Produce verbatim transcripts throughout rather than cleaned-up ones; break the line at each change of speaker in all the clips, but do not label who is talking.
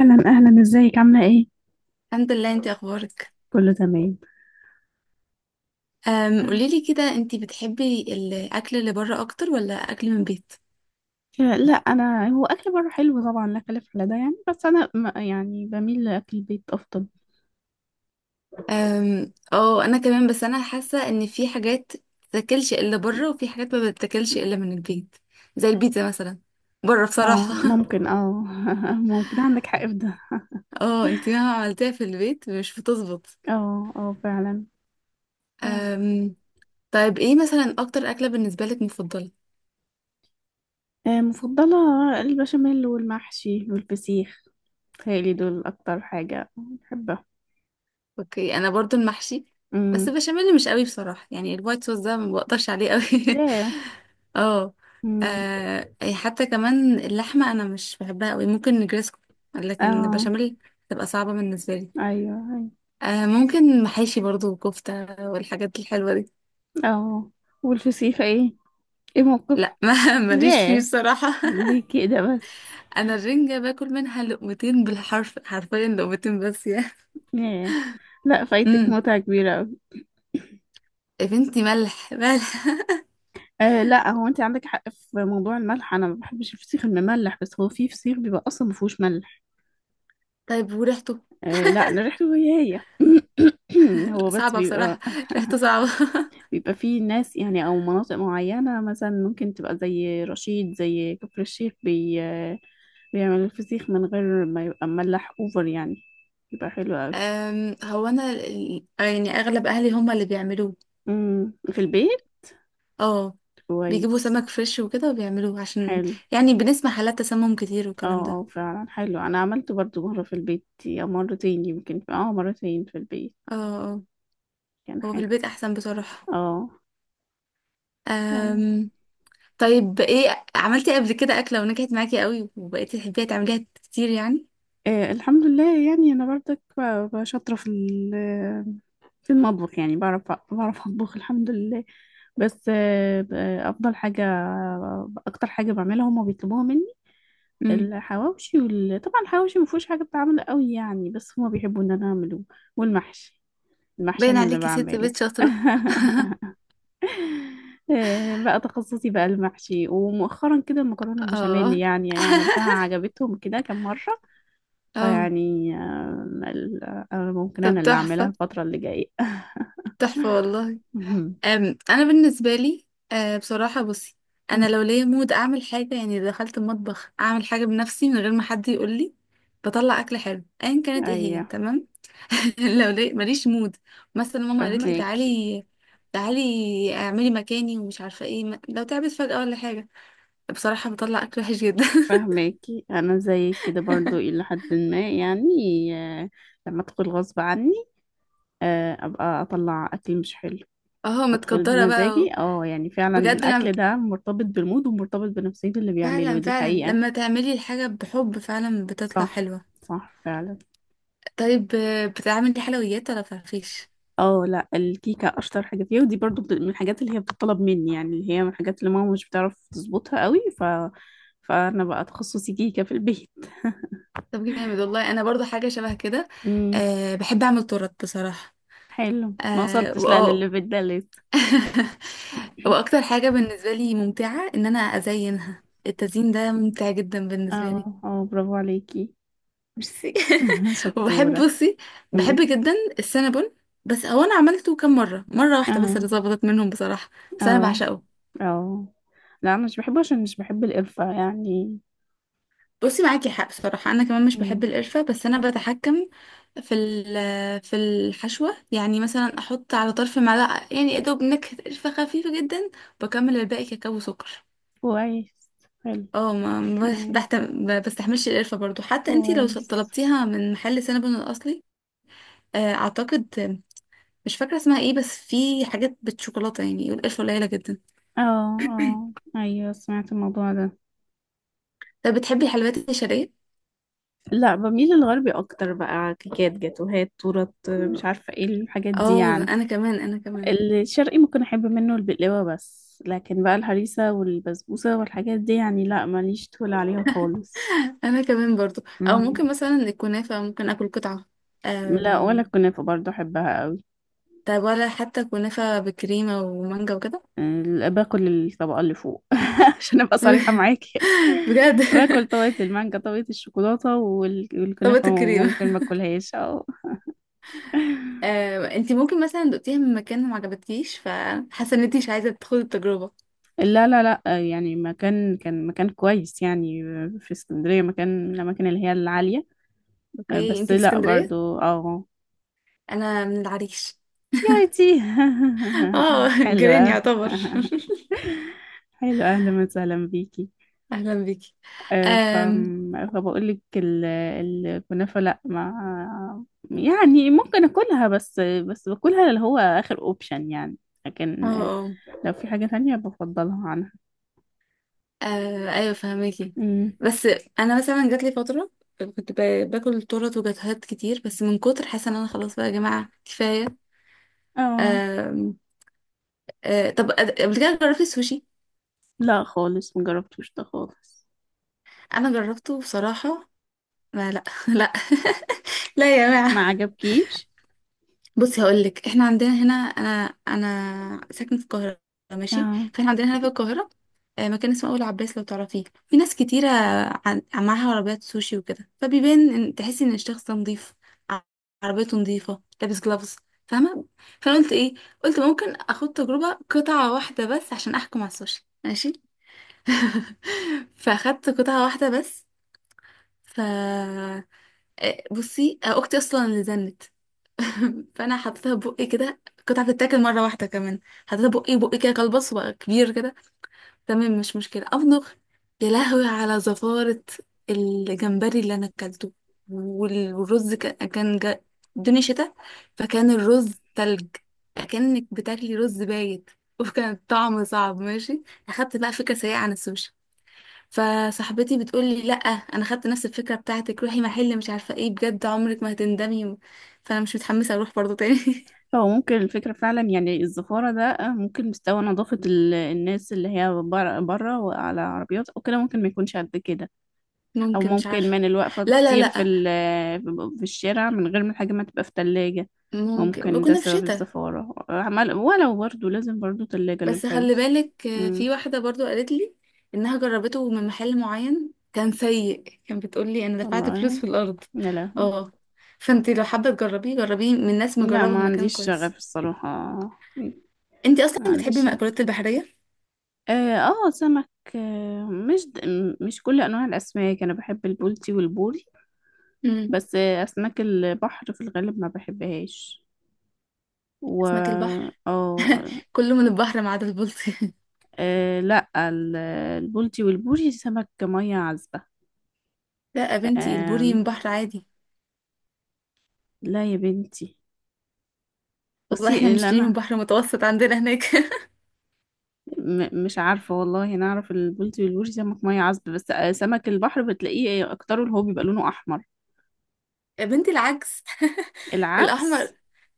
اهلا اهلا، ازيك؟ عامله ايه؟
الحمد لله، انت اخبارك؟
كله تمام.
أم قوليلي كده، انت بتحبي الاكل اللي بره اكتر ولا اكل من البيت؟
آه، لا، انا هو اكل بره حلو طبعا، لا خلاف على ده يعني، بس انا م- يعني بميل لاكل البيت افضل.
أم، اه، انا كمان، بس انا حاسه ان في حاجات بتتاكلش الا بره وفي حاجات ما بتتاكلش الا من البيت. زي البيتزا مثلا. بره
اه
بصراحه.
ممكن اه. ممكن عندك حق في ده.
اه، انت مهما عملتيها في البيت مش بتظبط.
اه اه فعلا. فعلا.
أم، طيب، ايه مثلا اكتر اكله بالنسبه لك مفضله؟
آه، مفضله؟ البشاميل والمحشي والفسيخ. تهيألي دول اكتر حاجه بحبها.
اوكي، انا برضو المحشي. بس
امم.
بشاميل مش قوي بصراحة، يعني الوايت صوص ده ما بقدرش عليه قوي.
ايه.
اه.
امم.
آه، حتى كمان اللحمة انا مش بحبها قوي، ممكن نجريسكو. لكن
اه
بشاميل تبقى صعبة بالنسبة لي.
ايوه ايوه
آه ممكن محاشي برضو، وكفتة والحاجات الحلوة دي.
اه. والفسيخ ايه؟ ايه موقف؟
لا، ما ماليش فيه
ياه.
بصراحة.
ليه كده بس؟
انا الرنجة باكل منها لقمتين، بالحرف حرفيا لقمتين بس يا.
ياه. لا، فايتك
امم.
متعة كبيرة أوي.
يا بنتي، ملح ملح.
آه لا، هو انت عندك حق في موضوع الملح، انا ما بحبش الفسيخ المملح، بس هو في فسيخ بيبقى اصلا ما فيهوش ملح.
طيب وريحته؟
آه لا، انا ريحته هي هي. هو بس
صعبة بصراحة.
بيبقى.
ريحته صعبة.
بيبقى فيه ناس يعني او مناطق معينة مثلا ممكن تبقى زي رشيد، زي كفر الشيخ، بي آه، بيعمل الفسيخ من غير ما يبقى مملح اوفر يعني. يبقى حلو أوي.
أم، هو انا ال- يعني اغلب اهلي هم اللي بيعملوه.
مم، في البيت.
اه، بيجيبوا
كويس.
سمك فريش وكده وبيعملوه عشان
حلو.
يعني بنسمع حالات تسمم كتير والكلام
اه
ده.
اه فعلا. حلو، انا عملته برضو مرة في البيت او مرتين يمكن، اه مرتين في البيت.
اه، اه،
كان
هو في
حلو.
البيت احسن بصراحة.
اه أيوة.
أم. طيب، ايه عملتي قبل كده اكلة ونجحت معاكي قوي وبقيتي تحبيها تعمليها كتير يعني؟
آه، الحمد لله يعني، انا برضك ب- ب- شاطرة في ال- في المطبخ يعني، بعرف بعرف اطبخ الحمد لله. بس آه ب- افضل حاجة، اكتر حاجة بعملها هما بيطلبوها مني
امم.
الحواوشي وال... طبعا الحواوشي ما فيهوش حاجة بتعمل قوي يعني، بس هما بيحبوا ان انا اعمله. والمحشي. المحشي
باين
انا اللي
عليكي ست
بعمله.
بيت شاطرة.
آه، بقى تخصصي بقى المحشي، ومؤخرا كده المكرونة البشاميل
اه.
يعني, يعني عملتها عجبتهم كده كم مرة.
اه.
فيعني آه، ال- آه، ممكن أنا
طب
اللي أعملها
تحفة.
الفترة اللي جاية.
تحفة والله.
مهم.
أم، انا بالنسبه لي، أه، بصراحه بصي،
مم.
انا لو ليا مود اعمل حاجه، يعني دخلت المطبخ اعمل حاجه بنفسي من غير ما حد يقول لي، بطلع اكل حلو ايا كانت ايه هي،
أيوه.
تمام. لو لي ماليش مود، مثلا ماما قالت لي
فهماكي.
تعالي، تعالي اعملي مكاني ومش عارفه ايه م- لو تعبت فجاه ولا حاجه، بصراحه بطلع اكل وحش جدا.
فهماكي، أنا زيك كده برضو إلى حد ما يعني. آه، لما أدخل غصب عني، آه، أبقى أطلع أكل مش حلو.
اه،
أدخل
متقدره بقى و-
بمزاجي، اه يعني فعلا
بجد لما...
الأكل ده مرتبط بالمود ومرتبط بنفسية اللي بيعمله،
فعلا
دي
فعلا،
حقيقة.
لما تعملي الحاجه بحب فعلا بتطلع
صح.
حلوه.
صح فعلا.
طيب، آه، بتعملي حلويات ولا فرفيش؟
اه لا، الكيكة اشطر حاجة فيها، ودي برضو بت- من الحاجات اللي هي بتطلب مني، يعني اللي هي من الحاجات اللي ماما مش بتعرف تظبطها قوي ف... فانا بقى تخصصي كيكة في البيت.
طب جامد والله، انا برضو حاجه شبه كده.
امم.
أه بحب اعمل تورت بصراحه.
حلو، ما
أه
وصلتش لا
واه.
للليفل ده لسه.
واكتر حاجه بالنسبه لي ممتعه ان انا ازينها، التزيين ده ممتع جدا بالنسبه
اه
لي.
اه برافو عليكي.
ميرسي. وبحب
شطورة.
بصي، بحب
امم.
جدا السينابون. بس هو انا عملته كام مره، مره واحده بس اللي
اه
ظبطت منهم بصراحه. بس انا
اه
بعشقه.
اه، لا انا مش بحبه عشان مش بحب القرفة يعني.
بصي، معاكي حق بصراحة، أنا كمان مش بحب
امم.
القرفة، بس أنا بتحكم في ال- في الحشوة، يعني مثلا أحط على طرف معلقة يعني يا دوب نكهة قرفة خفيفة جدا. بكمل الباقي كاكاو وسكر.
كويس. حلو.
اه، ما ما
امم.
بحتم ما بستحملش القرفة برضو، حتى انتي لو
كويس.
طلبتيها من محل سينابون الأصلي. آه، أعتقد مش فاكرة اسمها ايه، بس في حاجات بالشوكولاتة يعني والقرفة قليلة جدا.
اه اه ايوه سمعت الموضوع ده.
طب، بتحبي الحلويات الشرقية؟
لا، بميل للغربي اكتر، بقى كيكات، جاتوهات، تورت، مش عارفه ايه الحاجات دي
اه،
يعني.
أنا كمان أنا كمان.
الشرقي ممكن احب منه البقلاوه بس، لكن بقى الهريسه والبسبوسه والحاجات دي يعني، لا ماليش تقول عليها خالص.
انا كمان برضو، او
مم.
ممكن مثلا الكنافه ممكن اكل قطعه.
لا، ولا
أم...
الكنافه برضه احبها قوي.
طب، ولا حتى كنافه بكريمه ومانجا وكده؟
ال- باكل الطبقه اللي فوق، عشان ابقى صريحه معاكي.
بجد.
باكل طبقه المانجا، طبقه الشوكولاته، وال-
طبقة
والكنافه ممكن
الكريمه.
ما اكلهاش. اه
أم... انتي ممكن مثلا دقتيها من مكان وما عجبتكيش فحاسه ان انتي مش عايزه تدخلي التجربه؟
لا لا لا، آه، يعني مكان كان مكان كويس يعني، آه، في اسكندرية مكان من الأماكن اللي هي العالية. آه،
اوكي،
بس
انتي في
لا
اسكندريه؟
برضو اه.
انا من العريش.
يا ريتي.
اه. جيران
حلوة.
يعتبر.
حلوة، أهلا وسهلا بيكي.
اهلا بيكي.
آه، ف
أم...
فبقول لك ال- الكنافة، لا ما يعني ممكن أكلها بس، بس باكلها اللي هو آخر أوبشن يعني،
اه،
لكن آه،
آه.
لو في حاجة تانية بفضلها عنها.
آه ايوه، فهماكي.
أمم.
بس انا مثلا جات لي فتره، كنت ب- باكل تورت وجاتوهات كتير بس من كتر حاسه ان انا خلاص، بقى يا جماعه كفايه.
اه،
آم، آه طب، قبل كده جربتي السوشي؟
لا خالص مجربتوش ده خالص.
انا جربته بصراحه. ما لا. لا. لا يا
ما
جماعه.
عجبكيش.
بصي، هقول لك احنا عندنا هنا، انا انا ساكنه في القاهره. ماشي،
اه،
فاحنا عندنا هنا في القاهره. آه، مكان اسمه اول عباس لو تعرفيه، في ناس كتيره عن- معاها عربيات سوشي وكده، فبيبان ان تحسي ان الشخص ده نظيف. ع- عربيته نظيفه، لابس جلافز. فاهمه. فانا قلت ايه، قلت ممكن اخد تجربه، قطعه واحده بس عشان احكم على السوشي، ماشي. فاخدت قطعه واحده بس. ف آه، بصي، آه، اختي اصلا اللي زنت. فانا حطيتها بقي كده، كنت هتتاكل مره واحده كمان. حطيتها بقي بقي كده، كلبص وبقى كبير كده. تمام، مش مشكله امضغ. يا لهوي على زفاره! الجمبري اللي انا اكلته وال- والرز كان كان جا... الدنيا شتاء. فكان الرز تلج، كأنك بتاكلي رز بايت. وكان طعمه صعب، ماشي. اخدت بقى فكره سيئه عن السوشي. فصاحبتي بتقول لي لا، انا خدت نفس الفكره بتاعتك، روحي محل مش عارفه ايه بجد، عمرك ما هتندمي. فانا مش متحمسه اروح برضو تاني.
هو ممكن الفكرة فعلا يعني الزفارة ده آه، ممكن مستوى نظافة ال- الناس اللي هي بره، بره وعلى عربيات أو كده، ممكن ما يكونش قد كده. أو
ممكن، مش
ممكن
عارفه.
من الوقفة
لا، لا،
كتير في
لا.
ال- في الشارع من غير ما الحاجة ما تبقى في تلاجة.
ممكن
ممكن ده
كنا في
سبب
شتاء.
الزفارة عمال، ولو برضو لازم برضو تلاجة
بس خلي
للحفظ.
بالك، آه، في
مم.
واحده برضو قالت لي انها جربته من محل معين كان سيء، كان بتقول لي انا دفعت فلوس
والله.
في الارض.
يا لهوي.
اه. فانتي لو حابه تجربيه جربيه من ناس
لا،
مجربه في
ما
مكان
عنديش شغف
كويس.
الصراحة.
انتي
ما
اصلا بتحبي
عنديش شغف.
المأكولات البحريه؟
اه. آه، سمك. آه، مش د- م- مش كل انواع الاسماك، انا بحب البولتي والبوري.
امم.
بس آه، اسماك البحر في الغالب ما بحبهاش. و...
اسماك البحر؟
اه
كله من البحر ما عدا البلطي.
آه، لا ال- البولتي والبوري سمك ميه عذبه.
لا يا بنتي، البوري من
آم.
بحر عادي.
لا يا بنتي.
والله احنا
بصي اللي
بنشتري من
انا
بحر متوسط عندنا هناك.
م- مش عارفه والله، انا اعرف البولتي والبوري سمك ميه عذبه، بس آه، سمك البحر بتلاقيه اكتره اللي هو بيبقى لونه احمر.
يا بنتي، العكس.
العكس.
الاحمر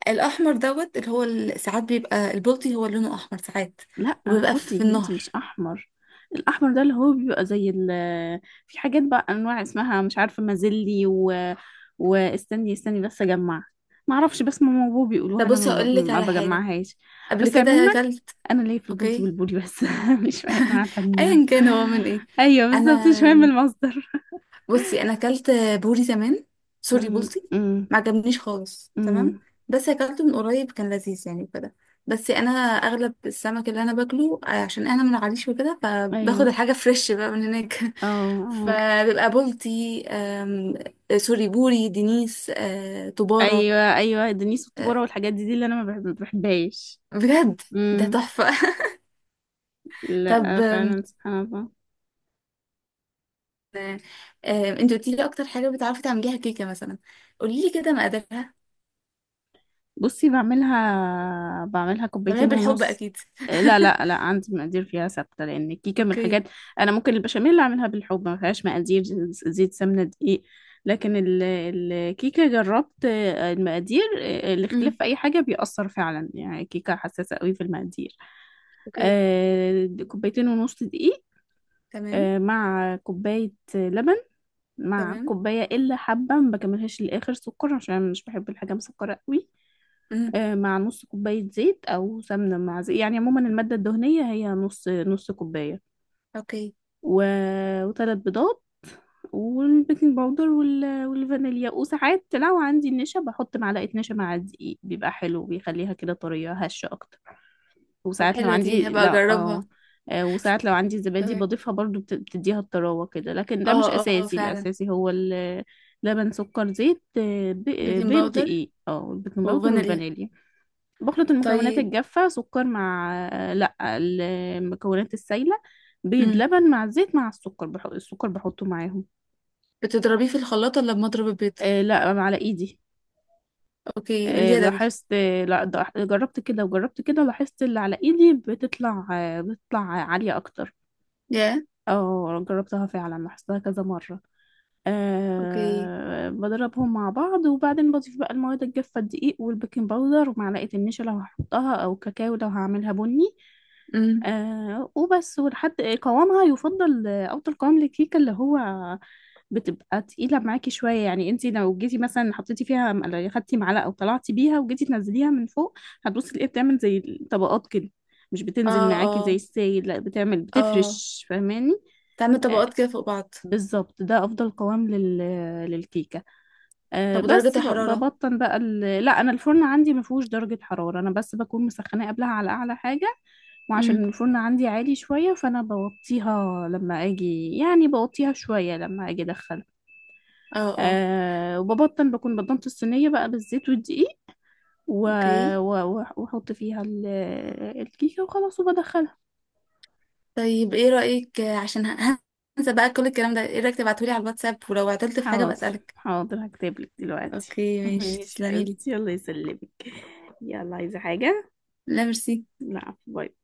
الاحمر دوت، اللي هو ال- ساعات بيبقى البلطي هو لونه احمر ساعات.
لا
وبيبقى
البولتي
في
يا بنتي مش
النهر.
احمر. الاحمر ده اللي هو بيبقى زي ال... في حاجات بقى انواع اسمها مش عارفه، مازلي و... واستني استني بس اجمع. ما اعرفش، بس ماما وبابا بيقولوها،
طب،
انا
بصي
ما ب-
اقول لك
ما
على حاجه.
بجمعهاش.
قبل
بس
كده
عموما
اكلت.
انا ليا في البولتي
اوكي،
والبولي بس، مش في أي انواع تانية.
ايا كان هو من ايه.
ايوه بالظبط، مش مهم
انا
المصدر.
بصي، انا اكلت بوري زمان، سوري
أمم،
بولتي.
أمم.
ما عجبنيش خالص، تمام.
أمم.
بس اكلته من قريب كان لذيذ يعني وكده. بس انا اغلب السمك اللي انا باكله، آه، عشان انا من العريش وكده فباخد
ايوه.
الحاجه فريش بقى من هناك.
اه اه
فبيبقى بولتي، آم، سوري، بوري، دينيس، آه، طباره.
ايوه ايوه، دنيس
آه،
والطبوره والحاجات دي، دي اللي انا ما بحب- ما بحبهاش.
بجد ده تحفه. طب،
لا
آم،
فعلا سبحان الله.
آم، انت قلتي لي اكتر حاجه بتعرفي تعمليها كيكه مثلا. قولي لي كده مقاديرها.
بصي بعملها بعملها
تعمليها
كوبايتين
بالحب
ونص.
اكيد؟
لا لا لا، عندي مقادير فيها ثابتة، لأن الكيكة من
اوكي.
الحاجات. أنا ممكن البشاميل أعملها بالحب، ما فيهاش مقادير، زيت، سمنة، دقيق. لكن ال- الكيكة جربت المقادير، الاختلاف
امم.
في أي حاجة بيأثر فعلا، يعني الكيكة حساسة قوي في المقادير.
اوكي
آه، كوبايتين ونص دقيق.
تمام.
آه، مع كوباية لبن، مع
تمام.
الكوباية إلا حبة ما بكملهاش للآخر سكر، عشان أنا مش بحب الحاجة مسكرة قوي.
امم.
آه، مع نص كوباية زيت أو سمنة مع زيت، يعني عموما المادة الدهنية هي نص نص كوباية،
اوكي.
و... وثلاث بيضات، والبيكنج باودر وال... والفانيليا، وساعات لو عندي النشا بحط معلقة نشا مع الدقيق، بيبقى حلو، بيخليها كده طرية هشة أكتر.
طب،
وساعات لو
حلوة دي،
عندي،
هبقى
لا
اجربها.
اه آه، وساعات لو عندي زبادي
تمام.
بضيفها برضو، بت- بتديها الطراوة كده، لكن ده مش
اه، اه، آه،
أساسي،
فعلا.
الأساسي هو ال- لبن، سكر، زيت، آه، ب- آه،
بيكنج
بيض،
باودر
دقيق، اه البيكنج باودر
وفانيليا.
والفانيليا. بخلط المكونات
طيب.
الجافة، سكر مع آه، لا، المكونات السايلة، بيض،
امم.
لبن، مع الزيت مع السكر، بحط السكر بحطه معاهم.
بتضربيه في الخلاط ولا بمضرب البيض؟
آه، لا، على ايدي.
اوكي،
آه،
اليدوي.
لاحظت، آه، لا، ده- جربت كده وجربت كده، لاحظت اللي على ايدي بتطلع، آه، بتطلع عالية اكتر.
يا.
اه، جربتها فعلا لاحظتها كذا مرة.
اوكي.
أه، بضربهم مع بعض وبعدين بضيف بقى المواد الجافة، الدقيق والبيكنج باودر ومعلقة النشا لو هحطها، أو كاكاو لو هعملها بني.
امم.
أه وبس، ولحد قوامها يفضل، آه، أفضل قوام للكيكة اللي هو بتبقى تقيلة معاكي شوية، يعني انتي لو جيتي مثلا حطيتي فيها، م- خدتي معلقة وطلعتي بيها وجيتي تنزليها من فوق، هتبصي تلاقيها بتعمل زي طبقات كده، مش بتنزل
اه،
معاكي زي
اه،
السايل، لا، بتعمل،
اه.
بتفرش، فاهماني؟
تعمل
آه،
طبقات كده فوق بعض.
بالظبط، ده افضل قوام لل... للكيكه. آه،
طب ودرجة
بس ب-
الحرارة؟
ببطن بقى ال... لا، انا الفرن عندي ما فيهوش درجه حراره، انا بس بكون مسخناه قبلها على اعلى حاجه، وعشان
امم.
الفرن عندي عالي شويه، فانا بوطيها لما اجي، يعني بوطيها شويه لما اجي ادخلها.
اه، اه.
أه، وببطن، بكون بطنت الصينيه بقى بالزيت والدقيق، و-
اوكي.
و- واحط فيها ال- الكيكه وخلاص، وبدخلها.
طيب، ايه رأيك، آه، عشان ه- هنسى بقى كل الكلام ده، ايه رأيك تبعتولي على الواتساب ولو عطلت في حاجة
حاضر
بسألك؟
حاضر، هكتبلك دلوقتي.
اوكي، ماشي،
ماشي
تسلميلي.
حبيبتي، يلا يسلمك. يلا، عايزة حاجة؟
لا، ميرسي.
لا، باي.